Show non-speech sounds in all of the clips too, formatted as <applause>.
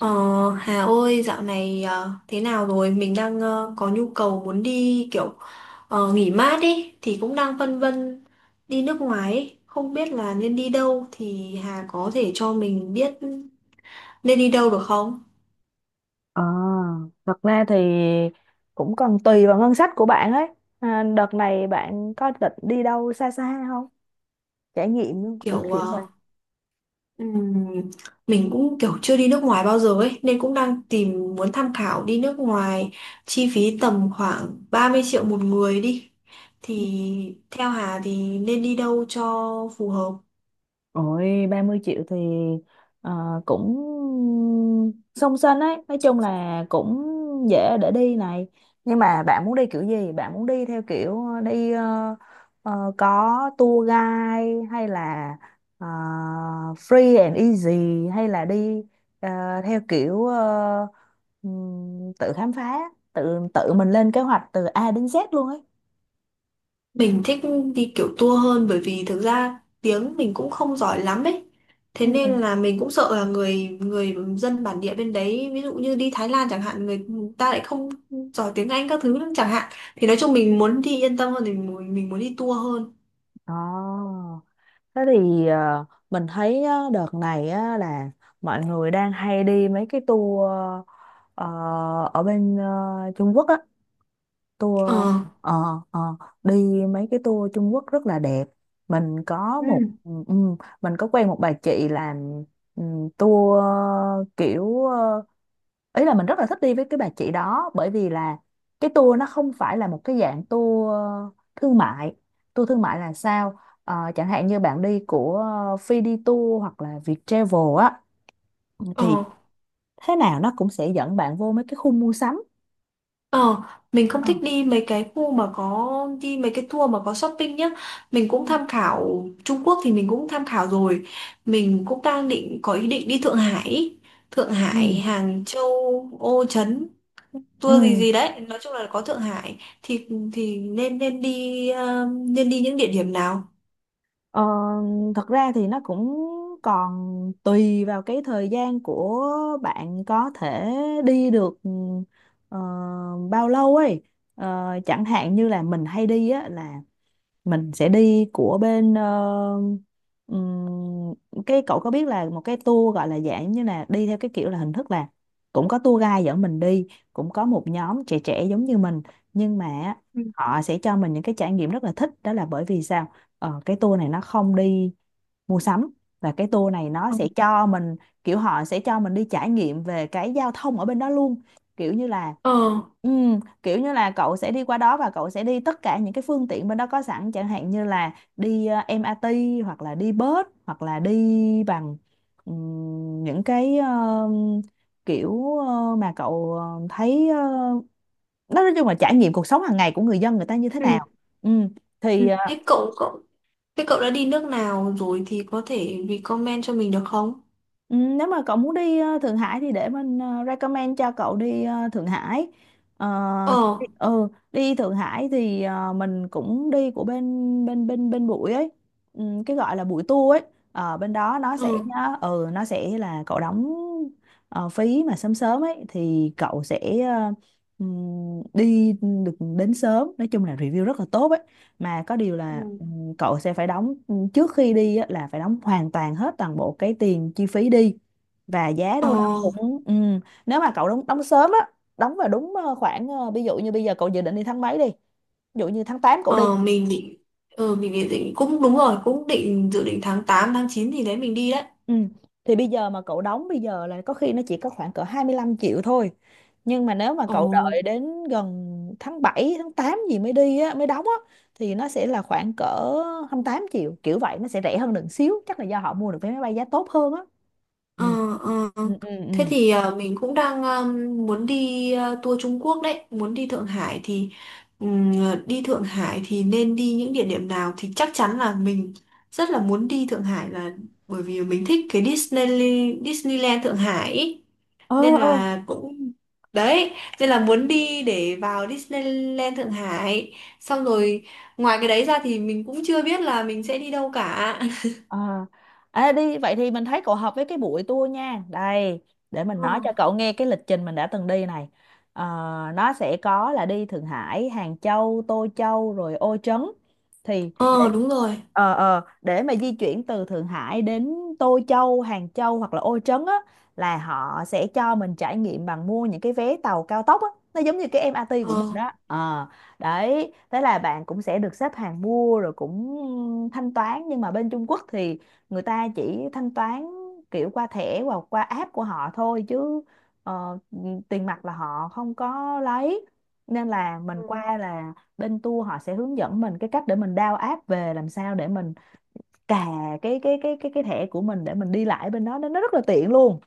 Ờ, Hà ơi, dạo này thế nào rồi? Mình đang có nhu cầu muốn đi kiểu nghỉ mát ý, thì cũng đang phân vân đi nước ngoài ý. Không biết là nên đi đâu thì Hà có thể cho mình biết nên đi đâu được không? Ờ, Thật ra thì cũng còn tùy vào ngân sách của bạn ấy. À, đợt này bạn có định đi đâu xa xa không? Trải nghiệm kiểu Kiểu kiểu ừm, mình cũng kiểu chưa đi nước ngoài bao giờ ấy, nên cũng đang tìm muốn tham khảo đi nước ngoài chi phí tầm khoảng 30 triệu một người đi. Thì theo Hà thì nên đi đâu cho phù hợp? Ôi, 30 triệu thì ờ, cũng song sinh ấy, nói chung là cũng dễ để đi này, nhưng mà bạn muốn đi kiểu gì? Bạn muốn đi theo kiểu có tour guide hay là ờ, free and easy, hay là đi ờ, theo kiểu tự khám phá, tự tự mình lên kế hoạch từ A đến Z luôn ấy. Mình thích đi kiểu tour hơn bởi vì thực ra tiếng mình cũng không giỏi lắm ấy. Thế nên Ừ. là mình cũng sợ là người người dân bản địa bên đấy, ví dụ như đi Thái Lan chẳng hạn, người ta lại không giỏi tiếng Anh các thứ nữa chẳng hạn. Thì nói chung mình muốn đi yên tâm hơn thì mình muốn đi tour hơn. Ồ. Thế thì mình thấy á, đợt này á, là mọi người đang hay đi mấy cái tour ờ, ở bên Trung Quốc á, tour Ờ. ờ ờ, đi mấy cái tour Trung Quốc rất là đẹp. Mình có Ừ. một, mình có quen một bà chị làm ừ, tour kiểu ý là mình rất là thích đi với cái bà chị đó, bởi vì là cái tour nó không phải là một cái dạng tour thương mại. Tour thương mại là sao? Chẳng hạn như bạn đi của Phi đi Tour hoặc là Viettravel á, thì Ờ. thế nào nó cũng sẽ dẫn bạn vô mấy cái khu mua sắm. Ờ, mình không Ờ. thích đi mấy cái khu mà có đi mấy cái tour mà có shopping nhá. Mình cũng tham khảo Trung Quốc thì mình cũng tham khảo rồi. Mình cũng đang định có ý định đi Thượng Hải, ý. Thượng Ừ, Hải, Hàng Châu, Ô Trấn, ừ. tour gì gì đấy. Nói chung là có Thượng Hải thì nên nên đi ờ, nên đi những địa điểm nào? Ờ, Thật ra thì nó cũng còn tùy vào cái thời gian của bạn có thể đi được ờ, bao lâu ấy. Chẳng hạn như là mình hay đi á là mình sẽ đi của bên ừm, cái cậu có biết là một cái tour gọi là dạng như là đi theo cái kiểu là hình thức là cũng có tour guide dẫn mình đi, cũng có một nhóm trẻ trẻ giống như mình, nhưng mà Ừ. họ sẽ cho mình những cái trải nghiệm rất là thích, đó là bởi vì sao? Cái tour này nó không đi mua sắm, và cái tour này nó Ừ. sẽ cho mình kiểu họ sẽ cho mình đi trải nghiệm về cái giao thông ở bên đó luôn, kiểu như là Ờ. ừ, kiểu như là cậu sẽ đi qua đó và cậu sẽ đi tất cả những cái phương tiện bên đó có sẵn, chẳng hạn như là đi MRT hoặc là đi bus hoặc là đi bằng những cái kiểu mà cậu thấy nói chung là trải nghiệm cuộc sống hàng ngày của người dân người ta như thế Ừ. nào. Ừ. Ừ. thì ờ, Thế cậu cậu thế cậu đã đi nước nào rồi thì có thể recommend cho mình được không? Ừ, nếu mà cậu muốn đi Thượng Hải thì để mình recommend cho cậu đi Thượng Hải. Ờ, Ờ. Đi Thượng Hải thì mình cũng đi của bên bên bên bên bụi ấy, ừ, cái gọi là bụi tour ấy. Bên đó nó sẽ Ừ. nó sẽ là cậu đóng phí mà sớm sớm ấy thì cậu sẽ đi được đến sớm. Nói chung là review rất là tốt ấy. Mà có điều là Ừ. Cậu sẽ phải đóng trước khi đi á, là phải đóng hoàn toàn hết toàn bộ cái tiền chi phí đi, và giá Ờ. đâu đó cũng nếu mà cậu đóng đóng sớm á, đóng vào đúng khoảng ví dụ như bây giờ cậu dự định đi tháng mấy đi, ví dụ như tháng 8 cậu đi. Ờ, mình định cũng đúng rồi cũng định dự định tháng 8, tháng 9 thì đấy mình đi đấy. Ừ. Thì bây giờ mà cậu đóng bây giờ là có khi nó chỉ có khoảng cỡ 25 triệu thôi, nhưng mà nếu mà Ồ. cậu đợi đến gần tháng 7 tháng 8 gì mới đi á, mới đóng á thì nó sẽ là khoảng cỡ 28 triệu kiểu vậy. Nó sẽ rẻ hơn được xíu, chắc là do họ mua được vé máy bay giá tốt hơn á. Ừ. Ờ. Ờ. Ừ, ừ, ừ. Thế thì mình cũng đang muốn đi tour Trung Quốc đấy muốn đi Thượng Hải thì ừm, đi Thượng Hải thì nên đi những địa điểm nào thì chắc chắn là mình rất là muốn đi Thượng Hải là bởi vì mình thích cái Disneyland Thượng Hải ý. ờ Nên ờ là cũng đấy nên là muốn đi để vào Disneyland Thượng Hải, xong rồi ngoài cái đấy ra thì mình cũng chưa biết là mình sẽ đi đâu cả. <laughs> ờ. À, đi vậy thì mình thấy cậu hợp với cái buổi tour nha. Đây để mình Ờ. nói cho cậu nghe cái lịch trình mình đã từng đi này. Ờ, nó sẽ có là đi Thượng Hải, Hàng Châu, Tô Châu rồi Ô Trấn. Thì để Ờ, đúng rồi. Để mà di chuyển từ Thượng Hải đến Tô Châu, Hàng Châu hoặc là Ô Trấn á là họ sẽ cho mình trải nghiệm bằng mua những cái vé tàu cao tốc á, nó giống như cái em MRT của Ờ. mình đó. Ờ. Đấy, thế là bạn cũng sẽ được xếp hàng mua rồi cũng thanh toán, nhưng mà bên Trung Quốc thì người ta chỉ thanh toán kiểu qua thẻ hoặc qua app của họ thôi, chứ ờ, tiền mặt là họ không có lấy. Nên là mình Ừ. qua là bên tour họ sẽ hướng dẫn mình cái cách để mình download app về, làm sao để mình cà cái thẻ của mình để mình đi lại bên đó, nên nó rất là tiện luôn.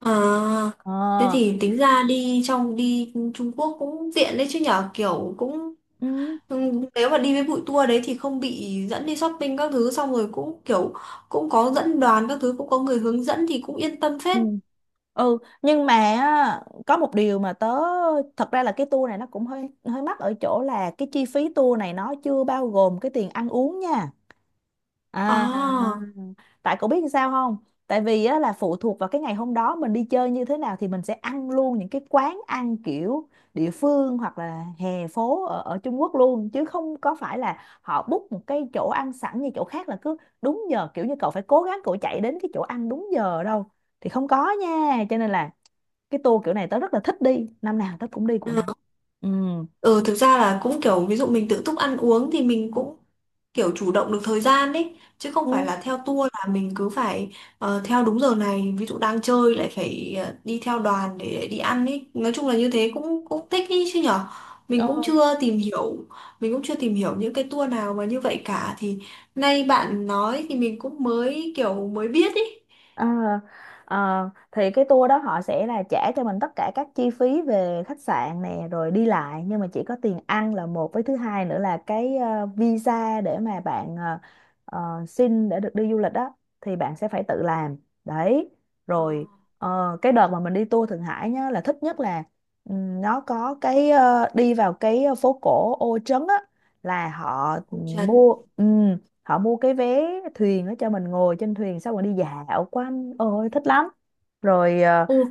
À. Ờ. Thế thì tính ra đi Trung Quốc cũng tiện đấy chứ nhở, kiểu cũng Ừ. Nếu mà đi với bụi tour đấy thì không bị dẫn đi shopping các thứ, xong rồi cũng kiểu cũng có dẫn đoàn các thứ, cũng có người hướng dẫn thì cũng yên tâm Ừ. phết. Ừ, nhưng mà á, có một điều mà tớ, thật ra là cái tour này nó cũng hơi hơi mắc ở chỗ là cái chi phí tour này nó chưa bao gồm cái tiền ăn uống nha. À. À. Tại cậu biết sao không? Tại vì á, là phụ thuộc vào cái ngày hôm đó mình đi chơi như thế nào thì mình sẽ ăn luôn những cái quán ăn kiểu địa phương hoặc là hè phố ở Trung Quốc luôn, chứ không có phải là họ book một cái chỗ ăn sẵn như chỗ khác là cứ đúng giờ kiểu như cậu phải cố gắng, cậu chạy đến cái chỗ ăn đúng giờ đâu. Thì không có nha, cho nên là cái tour kiểu này tớ rất là thích đi, năm nào tớ cũng đi của nó. Ừ. Ừ, thực ra là cũng kiểu ví dụ mình tự túc ăn uống thì mình cũng kiểu chủ động được thời gian ấy, chứ không Ừ. phải Ừ. là theo tour là mình cứ phải theo đúng giờ này, ví dụ đang chơi lại phải đi theo đoàn để đi ăn ấy, nói chung là như thế cũng cũng thích ý chứ nhở. mình cũng Ờ, chưa tìm hiểu mình cũng chưa tìm hiểu những cái tour nào mà như vậy cả, thì nay bạn nói thì mình cũng mới biết ấy. Ờ, thì cái tour đó họ sẽ là trả cho mình tất cả các chi phí về khách sạn nè rồi đi lại, nhưng mà chỉ có tiền ăn là một, với thứ hai nữa là cái visa để mà bạn xin để được đi du lịch đó thì bạn sẽ phải tự làm. Đấy. Ờ, Rồi cái đợt mà mình đi tour Thượng Hải nhá là thích nhất là nó có cái đi vào cái phố cổ Ô Trấn á, là họ Ô Trấn. mua họ mua cái vé thuyền đó cho mình ngồi trên thuyền xong rồi đi dạo quanh, ôi thích lắm. Rồi Ừ.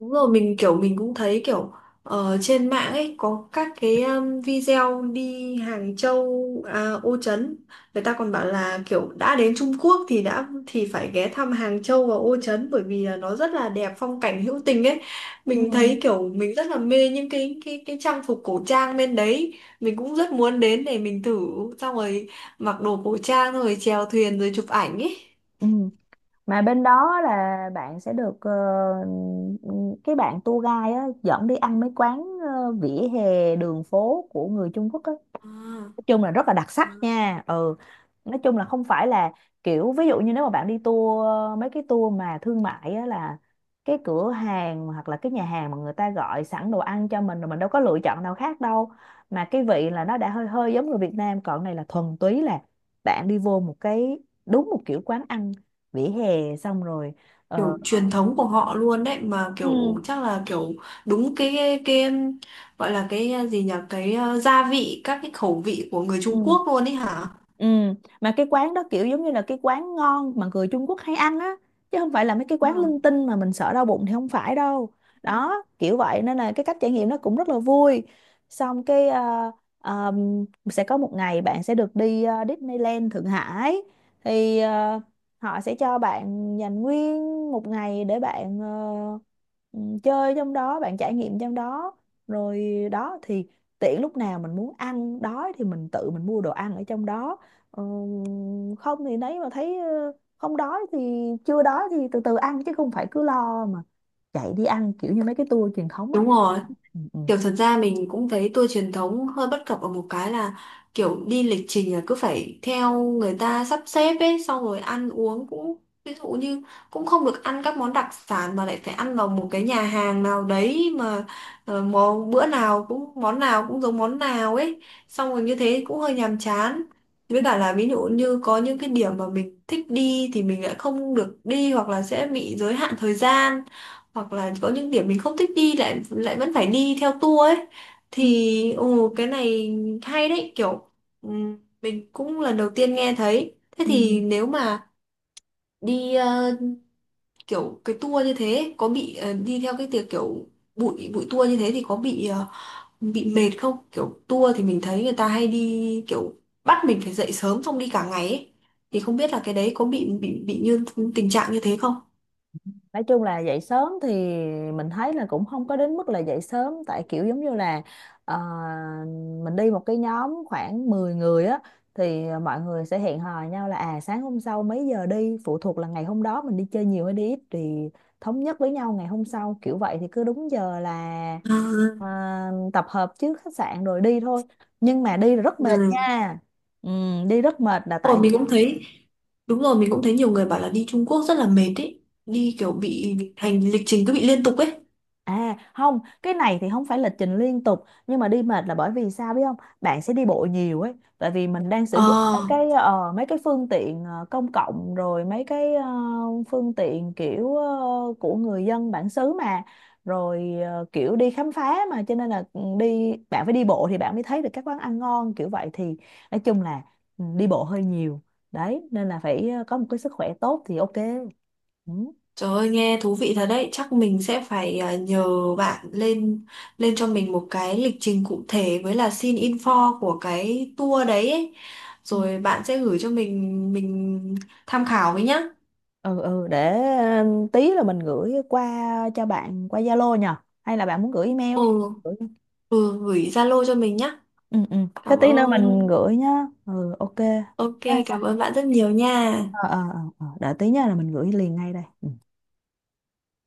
Đúng rồi, mình cũng thấy kiểu trên mạng ấy có các cái video đi Hàng Châu, à, Ô Trấn. Người ta còn bảo là kiểu đã đến Trung Quốc thì đã thì phải ghé thăm Hàng Châu và Ô Trấn bởi vì là nó rất là đẹp, phong cảnh hữu tình ấy. ừ, Mình thấy kiểu mình rất là mê những cái trang phục cổ trang bên đấy. Mình cũng rất muốn đến để mình thử, xong rồi mặc đồ cổ trang rồi chèo thuyền rồi chụp ảnh ấy. ừ. Mà bên đó là bạn sẽ được cái bạn tour guide á, dẫn đi ăn mấy quán vỉa hè đường phố của người Trung Quốc á, À. nói chung là rất là đặc sắc À. nha. Ừ. Nói chung là không phải là kiểu ví dụ như nếu mà bạn đi tour, mấy cái tour mà thương mại á là cái cửa hàng hoặc là cái nhà hàng mà người ta gọi sẵn đồ ăn cho mình rồi mình đâu có lựa chọn nào khác đâu. Mà cái vị là nó đã hơi hơi giống người Việt Nam, còn này là thuần túy là bạn đi vô một cái, đúng một kiểu quán ăn vỉa hè xong rồi ờ, Kiểu truyền thống của họ luôn đấy, mà kiểu ừ, chắc là kiểu đúng cái gọi là cái à, gì nhỉ, cái gia vị, các cái khẩu vị của người ừ. Trung Quốc luôn ấy hả? Ừ, mà cái quán đó kiểu giống như là cái quán ngon mà người Trung Quốc hay ăn á, chứ không phải là mấy cái Ừ. quán linh tinh mà mình sợ đau bụng thì không phải đâu. Đó kiểu vậy nên là cái cách trải nghiệm nó cũng rất là vui. Xong cái sẽ có một ngày bạn sẽ được đi Disneyland Thượng Hải thì họ sẽ cho bạn dành nguyên một ngày để bạn ừ, chơi trong đó, bạn trải nghiệm trong đó. Rồi đó thì tiện lúc nào mình muốn ăn đói thì mình tự mình mua đồ ăn ở trong đó. Ờ, Không thì nấy mà thấy không đói thì, chưa đói thì từ từ ăn, chứ không phải cứ lo mà chạy đi ăn kiểu như mấy cái tour truyền thống á. Đúng rồi. Ừ, ừ. Kiểu thật ra mình cũng thấy tour truyền thống hơi bất cập ở một cái là kiểu đi lịch trình là cứ phải theo người ta sắp xếp ấy, xong rồi ăn uống cũng, ví dụ như cũng không được ăn các món đặc sản mà lại phải ăn vào một cái nhà hàng nào đấy mà món bữa nào cũng món nào cũng giống món nào ấy, xong rồi như thế cũng hơi nhàm chán. Với Ừ, cả là ví dụ như có những cái điểm mà mình thích đi thì mình lại không được đi, hoặc là sẽ bị giới hạn thời gian, hoặc là có những điểm mình không thích đi lại lại vẫn phải đi theo tour ấy, ừ, thì ồ cái này hay đấy, kiểu mình cũng lần đầu tiên nghe thấy. Thế ừ. thì nếu mà đi kiểu cái tour như thế có bị đi theo cái tiệc kiểu bụi bụi tour như thế thì có bị mệt không? Kiểu tour thì mình thấy người ta hay đi kiểu bắt mình phải dậy sớm xong đi cả ngày ấy. Thì không biết là cái đấy có bị như tình trạng như thế không? Nói chung là dậy sớm thì mình thấy là cũng không có đến mức là dậy sớm, tại kiểu giống như là ờ, mình đi một cái nhóm khoảng 10 người á, thì mọi người sẽ hẹn hò nhau là à sáng hôm sau mấy giờ đi, phụ thuộc là ngày hôm đó mình đi chơi nhiều hay đi ít thì thống nhất với nhau ngày hôm sau, kiểu vậy thì cứ đúng giờ là À, à, tập hợp trước khách sạn rồi đi thôi. Nhưng mà đi là rất mệt ừ. nha. Ừ, đi rất mệt là Rồi tại. mình cũng thấy đúng rồi mình cũng thấy nhiều người bảo là đi Trung Quốc rất là mệt ấy, đi kiểu bị hành lịch trình cứ bị liên tục ấy. À không, cái này thì không phải lịch trình liên tục, nhưng mà đi mệt là bởi vì sao biết không? Bạn sẽ đi bộ nhiều ấy, tại vì mình đang sử dụng ờ mấy cái mấy cái phương tiện công cộng, rồi mấy cái phương tiện kiểu của người dân bản xứ mà, rồi kiểu đi khám phá mà, cho nên là ừ, đi bạn phải đi bộ thì bạn mới thấy được các quán ăn ngon kiểu vậy. Thì nói chung là ừ, đi bộ hơi nhiều. Đấy, nên là phải có một cái sức khỏe tốt thì ok. Ừ. Trời ơi nghe thú vị thật đấy, chắc mình sẽ phải à, nhờ bạn lên lên cho mình một cái lịch trình cụ thể với là xin info của cái tour đấy ấy. Ừ. Rồi bạn sẽ gửi cho mình tham khảo với nhá. Ừ, ừ, để ừ, tí là mình gửi qua cho bạn qua Zalo nhờ, hay là bạn muốn gửi email? Ừ, Gửi. ừ, gửi Zalo cho mình nhá, Ừ, ừ, thế cảm tí nữa ơn. mình gửi nhá. Ừ, ok. Ok, cảm ơn bạn rất nhiều nha. Ờ, để tí nha là mình gửi liền ngay đây. Ừ.